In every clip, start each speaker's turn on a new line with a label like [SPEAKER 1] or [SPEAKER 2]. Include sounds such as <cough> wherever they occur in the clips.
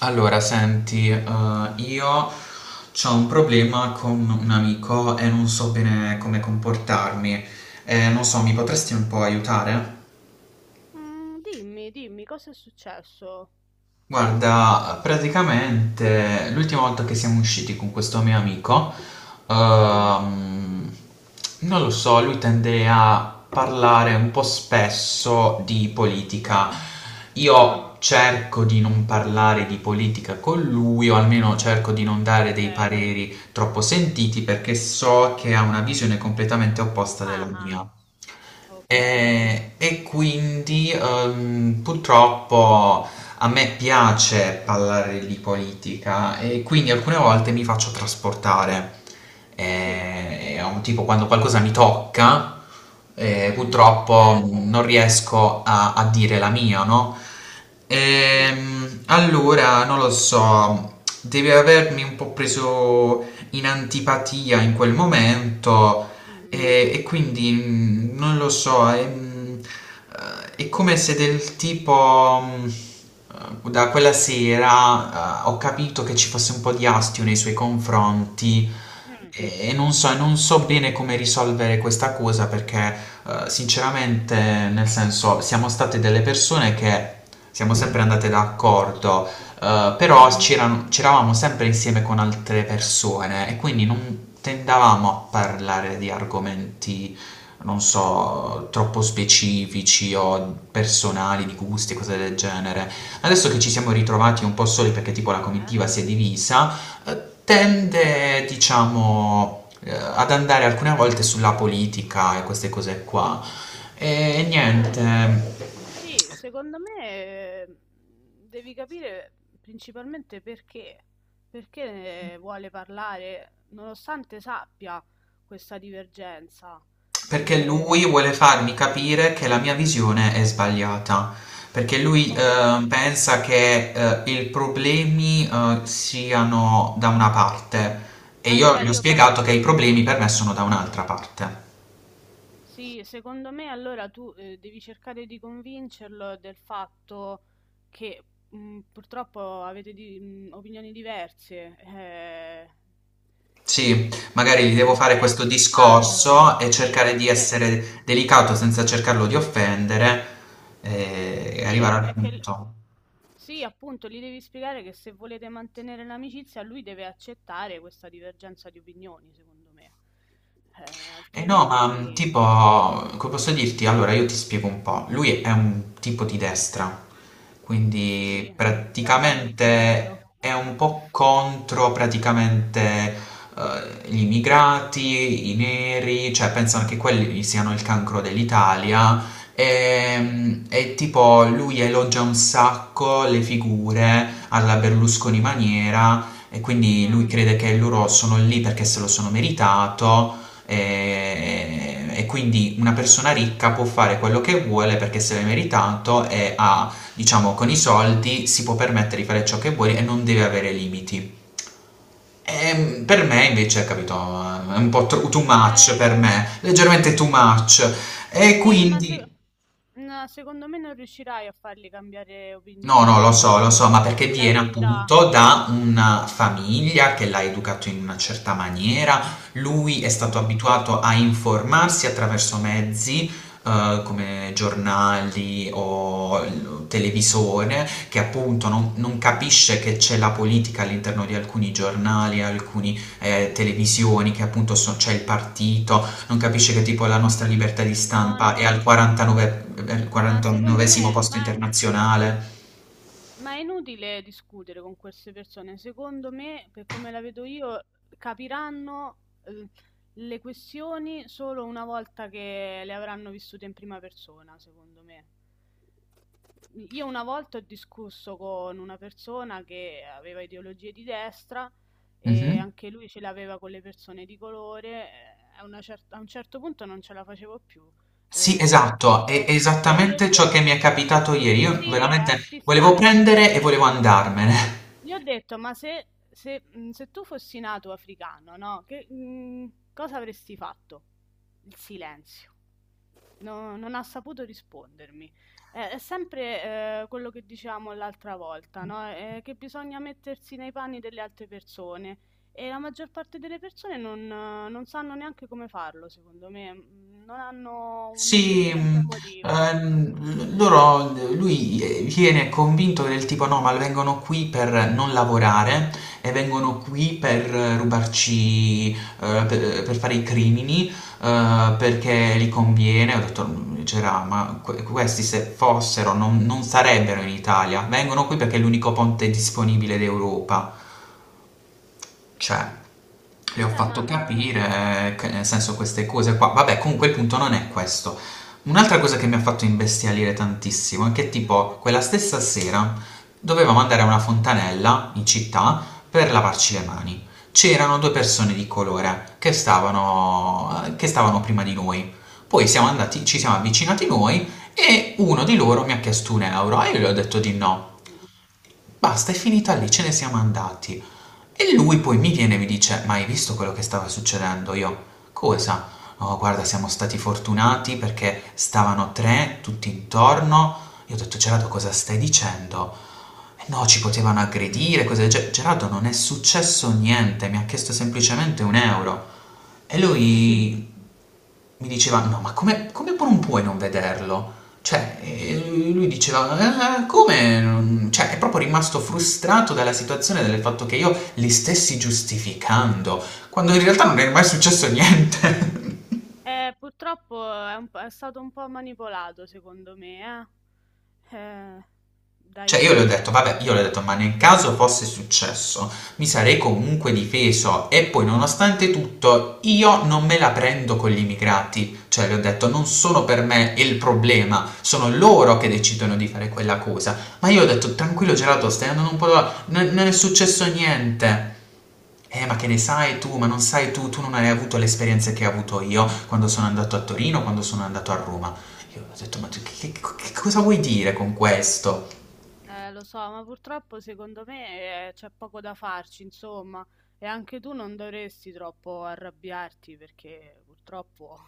[SPEAKER 1] Allora, senti, io ho un problema con un amico e non so bene come comportarmi. Non so, mi potresti un po' aiutare?
[SPEAKER 2] Mm, dimmi, dimmi, cosa è successo?
[SPEAKER 1] Guarda, praticamente l'ultima volta che siamo usciti con questo mio amico,
[SPEAKER 2] Sì?
[SPEAKER 1] ehm, non lo so, lui tende a parlare un po' spesso di
[SPEAKER 2] Mhm.
[SPEAKER 1] politica.
[SPEAKER 2] Ah,
[SPEAKER 1] Io cerco di non parlare di politica con lui, o almeno cerco di non dare
[SPEAKER 2] ok.
[SPEAKER 1] dei pareri troppo sentiti perché so che ha una visione completamente opposta della
[SPEAKER 2] Ah, ah,
[SPEAKER 1] mia.
[SPEAKER 2] ok.
[SPEAKER 1] E quindi purtroppo a me piace parlare di politica e quindi alcune volte mi faccio trasportare.
[SPEAKER 2] Sì, sì.
[SPEAKER 1] È un tipo quando qualcosa mi tocca,
[SPEAKER 2] Mhm.
[SPEAKER 1] purtroppo
[SPEAKER 2] Certo,
[SPEAKER 1] non riesco a dire la mia, no?
[SPEAKER 2] sì.
[SPEAKER 1] Allora, non lo so, deve avermi un po' preso in antipatia in quel momento
[SPEAKER 2] Mm,
[SPEAKER 1] e quindi non lo so, è come se del tipo, da quella sera, ho capito che ci fosse un po' di astio nei suoi confronti
[SPEAKER 2] mm,
[SPEAKER 1] e non so, bene come risolvere questa cosa perché, sinceramente, nel senso, siamo state delle persone che siamo sempre andate d'accordo, però
[SPEAKER 2] mm,
[SPEAKER 1] c'eravamo sempre insieme con altre persone e quindi non tendavamo a parlare di argomenti, non so, troppo specifici o personali, di gusti e cose
[SPEAKER 2] mm.
[SPEAKER 1] del genere. Adesso che ci siamo ritrovati un po' soli perché tipo la
[SPEAKER 2] Eh,
[SPEAKER 1] comitiva si è divisa,
[SPEAKER 2] sì.
[SPEAKER 1] tende, diciamo, ad andare alcune volte sulla politica e queste cose qua. E
[SPEAKER 2] Eh,
[SPEAKER 1] niente,
[SPEAKER 2] sì, secondo me eh, devi capire principalmente perché. Perché vuole parlare, nonostante sappia questa divergenza.
[SPEAKER 1] perché lui
[SPEAKER 2] Eh,
[SPEAKER 1] vuole farmi capire che la mia visione è sbagliata, perché lui
[SPEAKER 2] ok.
[SPEAKER 1] pensa che i problemi siano da una parte e io
[SPEAKER 2] Allora
[SPEAKER 1] gli ho
[SPEAKER 2] io
[SPEAKER 1] spiegato che
[SPEAKER 2] penso,
[SPEAKER 1] i problemi per me sono da un'altra
[SPEAKER 2] sì,
[SPEAKER 1] parte.
[SPEAKER 2] sì, secondo me allora tu devi cercare di convincerlo del fatto che purtroppo avete opinioni diverse,
[SPEAKER 1] Sì, magari gli
[SPEAKER 2] quindi
[SPEAKER 1] devo fare
[SPEAKER 2] deve
[SPEAKER 1] questo
[SPEAKER 2] accettarlo.
[SPEAKER 1] discorso e
[SPEAKER 2] Sì,
[SPEAKER 1] cercare di
[SPEAKER 2] sì,
[SPEAKER 1] essere delicato senza cercarlo di offendere e
[SPEAKER 2] sì,
[SPEAKER 1] arrivare
[SPEAKER 2] è,
[SPEAKER 1] al
[SPEAKER 2] è che
[SPEAKER 1] punto.
[SPEAKER 2] sì, appunto, gli devi spiegare che se volete mantenere l'amicizia, lui deve accettare questa divergenza di opinioni, secondo me. Eh,
[SPEAKER 1] Eh no, ma tipo,
[SPEAKER 2] altrimenti
[SPEAKER 1] come posso dirti? Allora, io ti spiego un po'. Lui è un tipo di destra, quindi
[SPEAKER 2] Sì, già avevo intuito.
[SPEAKER 1] praticamente è un
[SPEAKER 2] <laughs>
[SPEAKER 1] po' contro praticamente gli immigrati, i neri, cioè
[SPEAKER 2] Mh-mh,
[SPEAKER 1] pensano che quelli siano il cancro dell'Italia. E,
[SPEAKER 2] sì.
[SPEAKER 1] mh, e tipo, lui elogia un sacco le figure alla Berlusconi maniera, e quindi
[SPEAKER 2] Mh.
[SPEAKER 1] lui crede che loro sono lì perché se lo sono meritato. E quindi una persona ricca può fare quello che vuole perché se l'è meritato e ha, diciamo, con i soldi si può permettere di fare ciò che vuole e non deve avere limiti. E per me invece, capito, è un po' too much
[SPEAKER 2] Eh,
[SPEAKER 1] per
[SPEAKER 2] eh,
[SPEAKER 1] me, leggermente too much. E
[SPEAKER 2] sì, ma se
[SPEAKER 1] quindi.
[SPEAKER 2] no, secondo me non riuscirai a farli cambiare
[SPEAKER 1] No, no,
[SPEAKER 2] opinione, ti dico
[SPEAKER 1] lo so, ma perché
[SPEAKER 2] la
[SPEAKER 1] viene
[SPEAKER 2] verità.
[SPEAKER 1] appunto da una famiglia che l'ha educato in una certa maniera, lui è stato
[SPEAKER 2] Mh-mh.
[SPEAKER 1] abituato a informarsi attraverso mezzi come giornali o televisore, che appunto non capisce che c'è la politica all'interno di alcuni giornali, alcune televisioni, che appunto c'è il partito, non capisce che tipo
[SPEAKER 2] Eh
[SPEAKER 1] la nostra
[SPEAKER 2] sì.
[SPEAKER 1] libertà di
[SPEAKER 2] No,
[SPEAKER 1] stampa è
[SPEAKER 2] no,
[SPEAKER 1] al
[SPEAKER 2] ma
[SPEAKER 1] 49,
[SPEAKER 2] ma secondo
[SPEAKER 1] 49esimo
[SPEAKER 2] me
[SPEAKER 1] posto
[SPEAKER 2] ma
[SPEAKER 1] internazionale.
[SPEAKER 2] Ma è inutile discutere con queste persone, secondo me, per come la vedo io, capiranno eh, le questioni solo una volta che le avranno vissute in prima persona, secondo me. Io una volta ho discusso con una persona che aveva ideologie di destra
[SPEAKER 1] Mh-mh.
[SPEAKER 2] e anche lui ce l'aveva con le persone di colore, a un certo punto non ce la facevo più.
[SPEAKER 1] Sì,
[SPEAKER 2] Ehm, gli ho
[SPEAKER 1] esatto, è
[SPEAKER 2] detto gli ho
[SPEAKER 1] esattamente
[SPEAKER 2] detto
[SPEAKER 1] ciò che mi è capitato ieri. Io
[SPEAKER 2] sì, è
[SPEAKER 1] veramente volevo
[SPEAKER 2] asfissiante.
[SPEAKER 1] prendere e
[SPEAKER 2] Gli ho
[SPEAKER 1] volevo andarmene.
[SPEAKER 2] gli ho detto, ma se tu fossi nato africano, no? Che, cosa avresti fatto? Il silenzio. Non ha saputo rispondermi. È sempre quello che diciamo l'altra volta, no? Che bisogna mettersi nei panni delle altre persone e la maggior parte delle persone non, non sanno neanche come farlo, secondo me. Non hanno
[SPEAKER 1] Sì,
[SPEAKER 2] un'intelligenza emotiva.
[SPEAKER 1] lui viene convinto del tipo no, ma vengono qui per non lavorare e vengono qui per rubarci, per fare i crimini, perché li conviene. Ho detto, "C'era, ma questi se fossero non sarebbero in Italia, vengono qui perché è l'unico ponte disponibile d'Europa. Cioè, le ho
[SPEAKER 2] Beh,
[SPEAKER 1] fatto capire che nel senso queste cose qua. Vabbè, comunque il punto non è questo. Un'altra cosa che mi ha fatto imbestialire tantissimo è che
[SPEAKER 2] mm,
[SPEAKER 1] tipo quella stessa sera dovevamo andare a una fontanella in città per lavarci le mani. C'erano due persone di colore che stavano prima di noi. Poi siamo andati, ci siamo avvicinati noi e uno di loro mi ha chiesto un euro e io gli ho detto di no.
[SPEAKER 2] mm,
[SPEAKER 1] Basta, è finita lì, ce ne siamo andati. E lui poi mi viene e mi dice, ma hai visto quello che stava succedendo? Io, cosa? Oh, guarda, siamo stati fortunati perché stavano tre tutti intorno. Io ho detto, Gerardo, cosa stai dicendo? "Eh no, ci potevano
[SPEAKER 2] mm, mm.
[SPEAKER 1] aggredire, cose del genere. Gerardo, non è successo niente, mi ha chiesto semplicemente un euro. E lui
[SPEAKER 2] <laughs>
[SPEAKER 1] mi diceva, no, ma non puoi non vederlo? Cioè, e lui diceva, come? Cioè, è proprio rimasto frustrato dalla situazione, del fatto che io li stessi giustificando, quando in realtà non è mai successo niente. <laughs>
[SPEAKER 2] Purtroppo è stato un po' manipolato, secondo me, eh? Dai
[SPEAKER 1] Cioè io le ho
[SPEAKER 2] media,
[SPEAKER 1] detto, vabbè, io le ho
[SPEAKER 2] insomma.
[SPEAKER 1] detto, ma nel caso fosse successo, mi sarei comunque difeso e poi nonostante tutto io non me la prendo con gli immigrati, cioè le ho detto, non sono per me il problema, sono loro che decidono di fare quella cosa, ma io ho detto, tranquillo Gerardo, stai andando un po', non è successo niente. Ma che ne sai tu? Ma non sai tu non hai avuto le esperienze che ho avuto io quando sono andato a Torino, quando sono andato a Roma. Io ho detto, ma tu che cosa vuoi dire con questo?
[SPEAKER 2] Lo so, ma purtroppo secondo me c'è poco da farci, insomma. E anche tu non dovresti troppo arrabbiarti perché purtroppo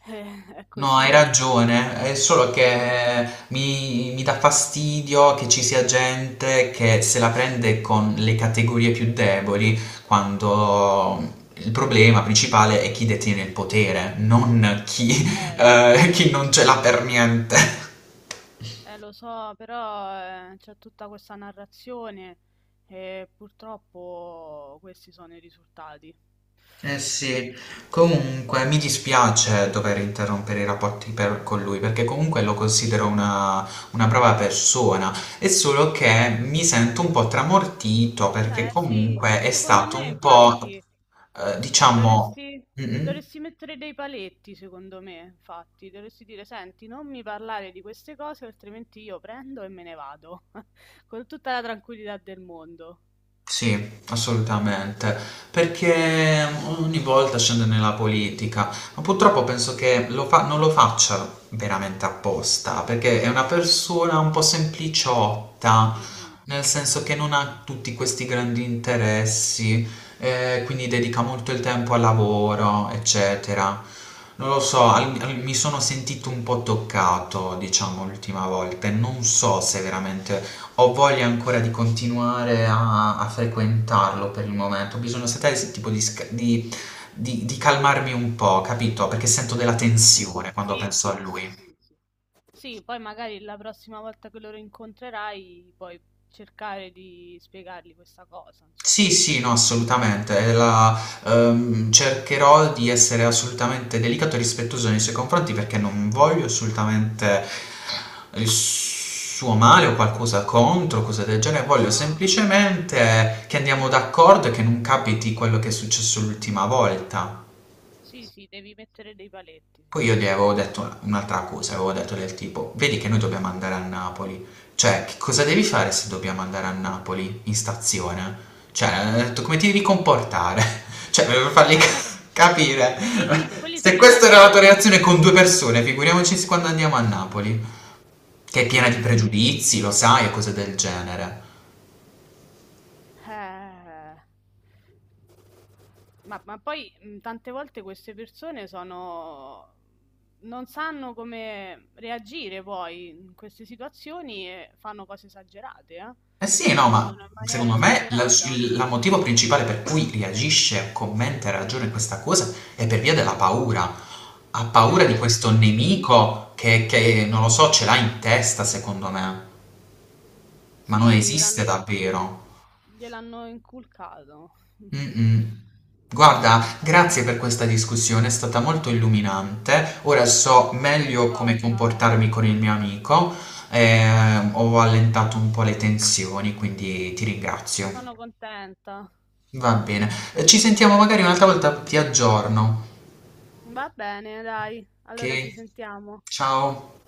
[SPEAKER 2] <laughs> è
[SPEAKER 1] No, hai
[SPEAKER 2] così.
[SPEAKER 1] ragione, è solo
[SPEAKER 2] Mm.
[SPEAKER 1] che mi dà fastidio che ci sia gente che se la prende con le categorie più deboli, quando il problema principale è chi detiene il potere, non chi,
[SPEAKER 2] Già.
[SPEAKER 1] eh, chi non ce l'ha per niente.
[SPEAKER 2] Lo so, però c'è tutta questa narrazione e purtroppo questi sono i risultati.
[SPEAKER 1] Eh sì, comunque mi dispiace dover interrompere i rapporti con lui perché comunque lo considero una brava persona, è solo che mi sento un po' tramortito perché
[SPEAKER 2] Beh, sì,
[SPEAKER 1] comunque è
[SPEAKER 2] secondo
[SPEAKER 1] stato
[SPEAKER 2] me,
[SPEAKER 1] un po',
[SPEAKER 2] infatti,
[SPEAKER 1] diciamo,
[SPEAKER 2] dovresti,
[SPEAKER 1] mm,
[SPEAKER 2] dovresti mettere dei paletti, secondo me, infatti, dovresti dire, senti, non mi parlare di queste cose, altrimenti io prendo e me ne vado, <laughs> con tutta la tranquillità del mondo.
[SPEAKER 1] sì, assolutamente, perché ogni volta scende nella politica, ma purtroppo penso che non lo faccia veramente apposta, perché è una persona un po' sempliciotta,
[SPEAKER 2] Mm-mm.
[SPEAKER 1] nel
[SPEAKER 2] Ho
[SPEAKER 1] senso che non
[SPEAKER 2] capito.
[SPEAKER 1] ha tutti questi grandi interessi, quindi dedica molto il tempo al lavoro, eccetera. Non lo so,
[SPEAKER 2] Mm-mm.
[SPEAKER 1] mi sono sentito un po' toccato, diciamo, l'ultima volta e non so se veramente ho voglia ancora di continuare a frequentarlo per il momento. Ho bisogno, sai, s tipo di sca di calmarmi un po', capito, perché sento della
[SPEAKER 2] Mm-mm.
[SPEAKER 1] tensione quando
[SPEAKER 2] Sì,
[SPEAKER 1] penso a
[SPEAKER 2] sì, sì,
[SPEAKER 1] lui.
[SPEAKER 2] sì, sì. Sì, poi magari la prossima volta che loro incontrerai, puoi cercare di spiegargli questa cosa,
[SPEAKER 1] Sì,
[SPEAKER 2] insomma.
[SPEAKER 1] sì, no, assolutamente. È la Cercherò di essere assolutamente delicato e rispettoso nei suoi confronti perché non voglio assolutamente il suo male o qualcosa contro, cose del genere. Voglio
[SPEAKER 2] No.
[SPEAKER 1] semplicemente che andiamo d'accordo e che non capiti quello che è successo l'ultima volta.
[SPEAKER 2] Sì, sì, devi mettere dei paletti,
[SPEAKER 1] Poi io gli
[SPEAKER 2] secondo
[SPEAKER 1] avevo
[SPEAKER 2] me.
[SPEAKER 1] detto un'altra cosa, avevo detto del tipo, vedi che noi dobbiamo andare a Napoli, cioè che cosa devi fare se dobbiamo andare a Napoli in stazione? Cioè, ho detto come ti devi comportare? <laughs> Cioè, per fargli
[SPEAKER 2] Eh,
[SPEAKER 1] <laughs> capire,
[SPEAKER 2] devi dire,
[SPEAKER 1] <laughs>
[SPEAKER 2] quelli
[SPEAKER 1] se
[SPEAKER 2] sono
[SPEAKER 1] questa era la tua
[SPEAKER 2] italiani, eh.
[SPEAKER 1] reazione con due persone, figuriamoci quando andiamo a Napoli, che è piena di pregiudizi, lo sai, e cose del genere.
[SPEAKER 2] Eh, ma poi tante volte queste persone non sanno come reagire poi in queste situazioni e fanno cose esagerate, eh.
[SPEAKER 1] Eh sì, no, ma
[SPEAKER 2] Rispondono in maniera
[SPEAKER 1] secondo me la-
[SPEAKER 2] esagerata.
[SPEAKER 1] il la motivo principale per cui reagisce, commenta e ragiona in questa cosa è per via della paura. Ha paura di
[SPEAKER 2] Mm-mm.
[SPEAKER 1] questo
[SPEAKER 2] Sì,
[SPEAKER 1] nemico che,
[SPEAKER 2] sì,
[SPEAKER 1] non lo so,
[SPEAKER 2] sì.
[SPEAKER 1] ce l'ha in testa, secondo me, ma non
[SPEAKER 2] Sì, gliel'hanno
[SPEAKER 1] esiste davvero.
[SPEAKER 2] gliel'hanno inculcato. <laughs>
[SPEAKER 1] Mm-mm. Guarda,
[SPEAKER 2] Eh.
[SPEAKER 1] grazie per questa discussione, è stata molto illuminante. Ora so
[SPEAKER 2] Ma di
[SPEAKER 1] meglio come
[SPEAKER 2] cosa?
[SPEAKER 1] comportarmi con il mio amico. Ho allentato un po' le tensioni, quindi ti
[SPEAKER 2] Ma
[SPEAKER 1] ringrazio.
[SPEAKER 2] sono contenta.
[SPEAKER 1] Va bene. Ci sentiamo magari un'altra volta, ti aggiorno.
[SPEAKER 2] Va bene, dai.
[SPEAKER 1] Ok?
[SPEAKER 2] Allora ci sentiamo.
[SPEAKER 1] Ciao.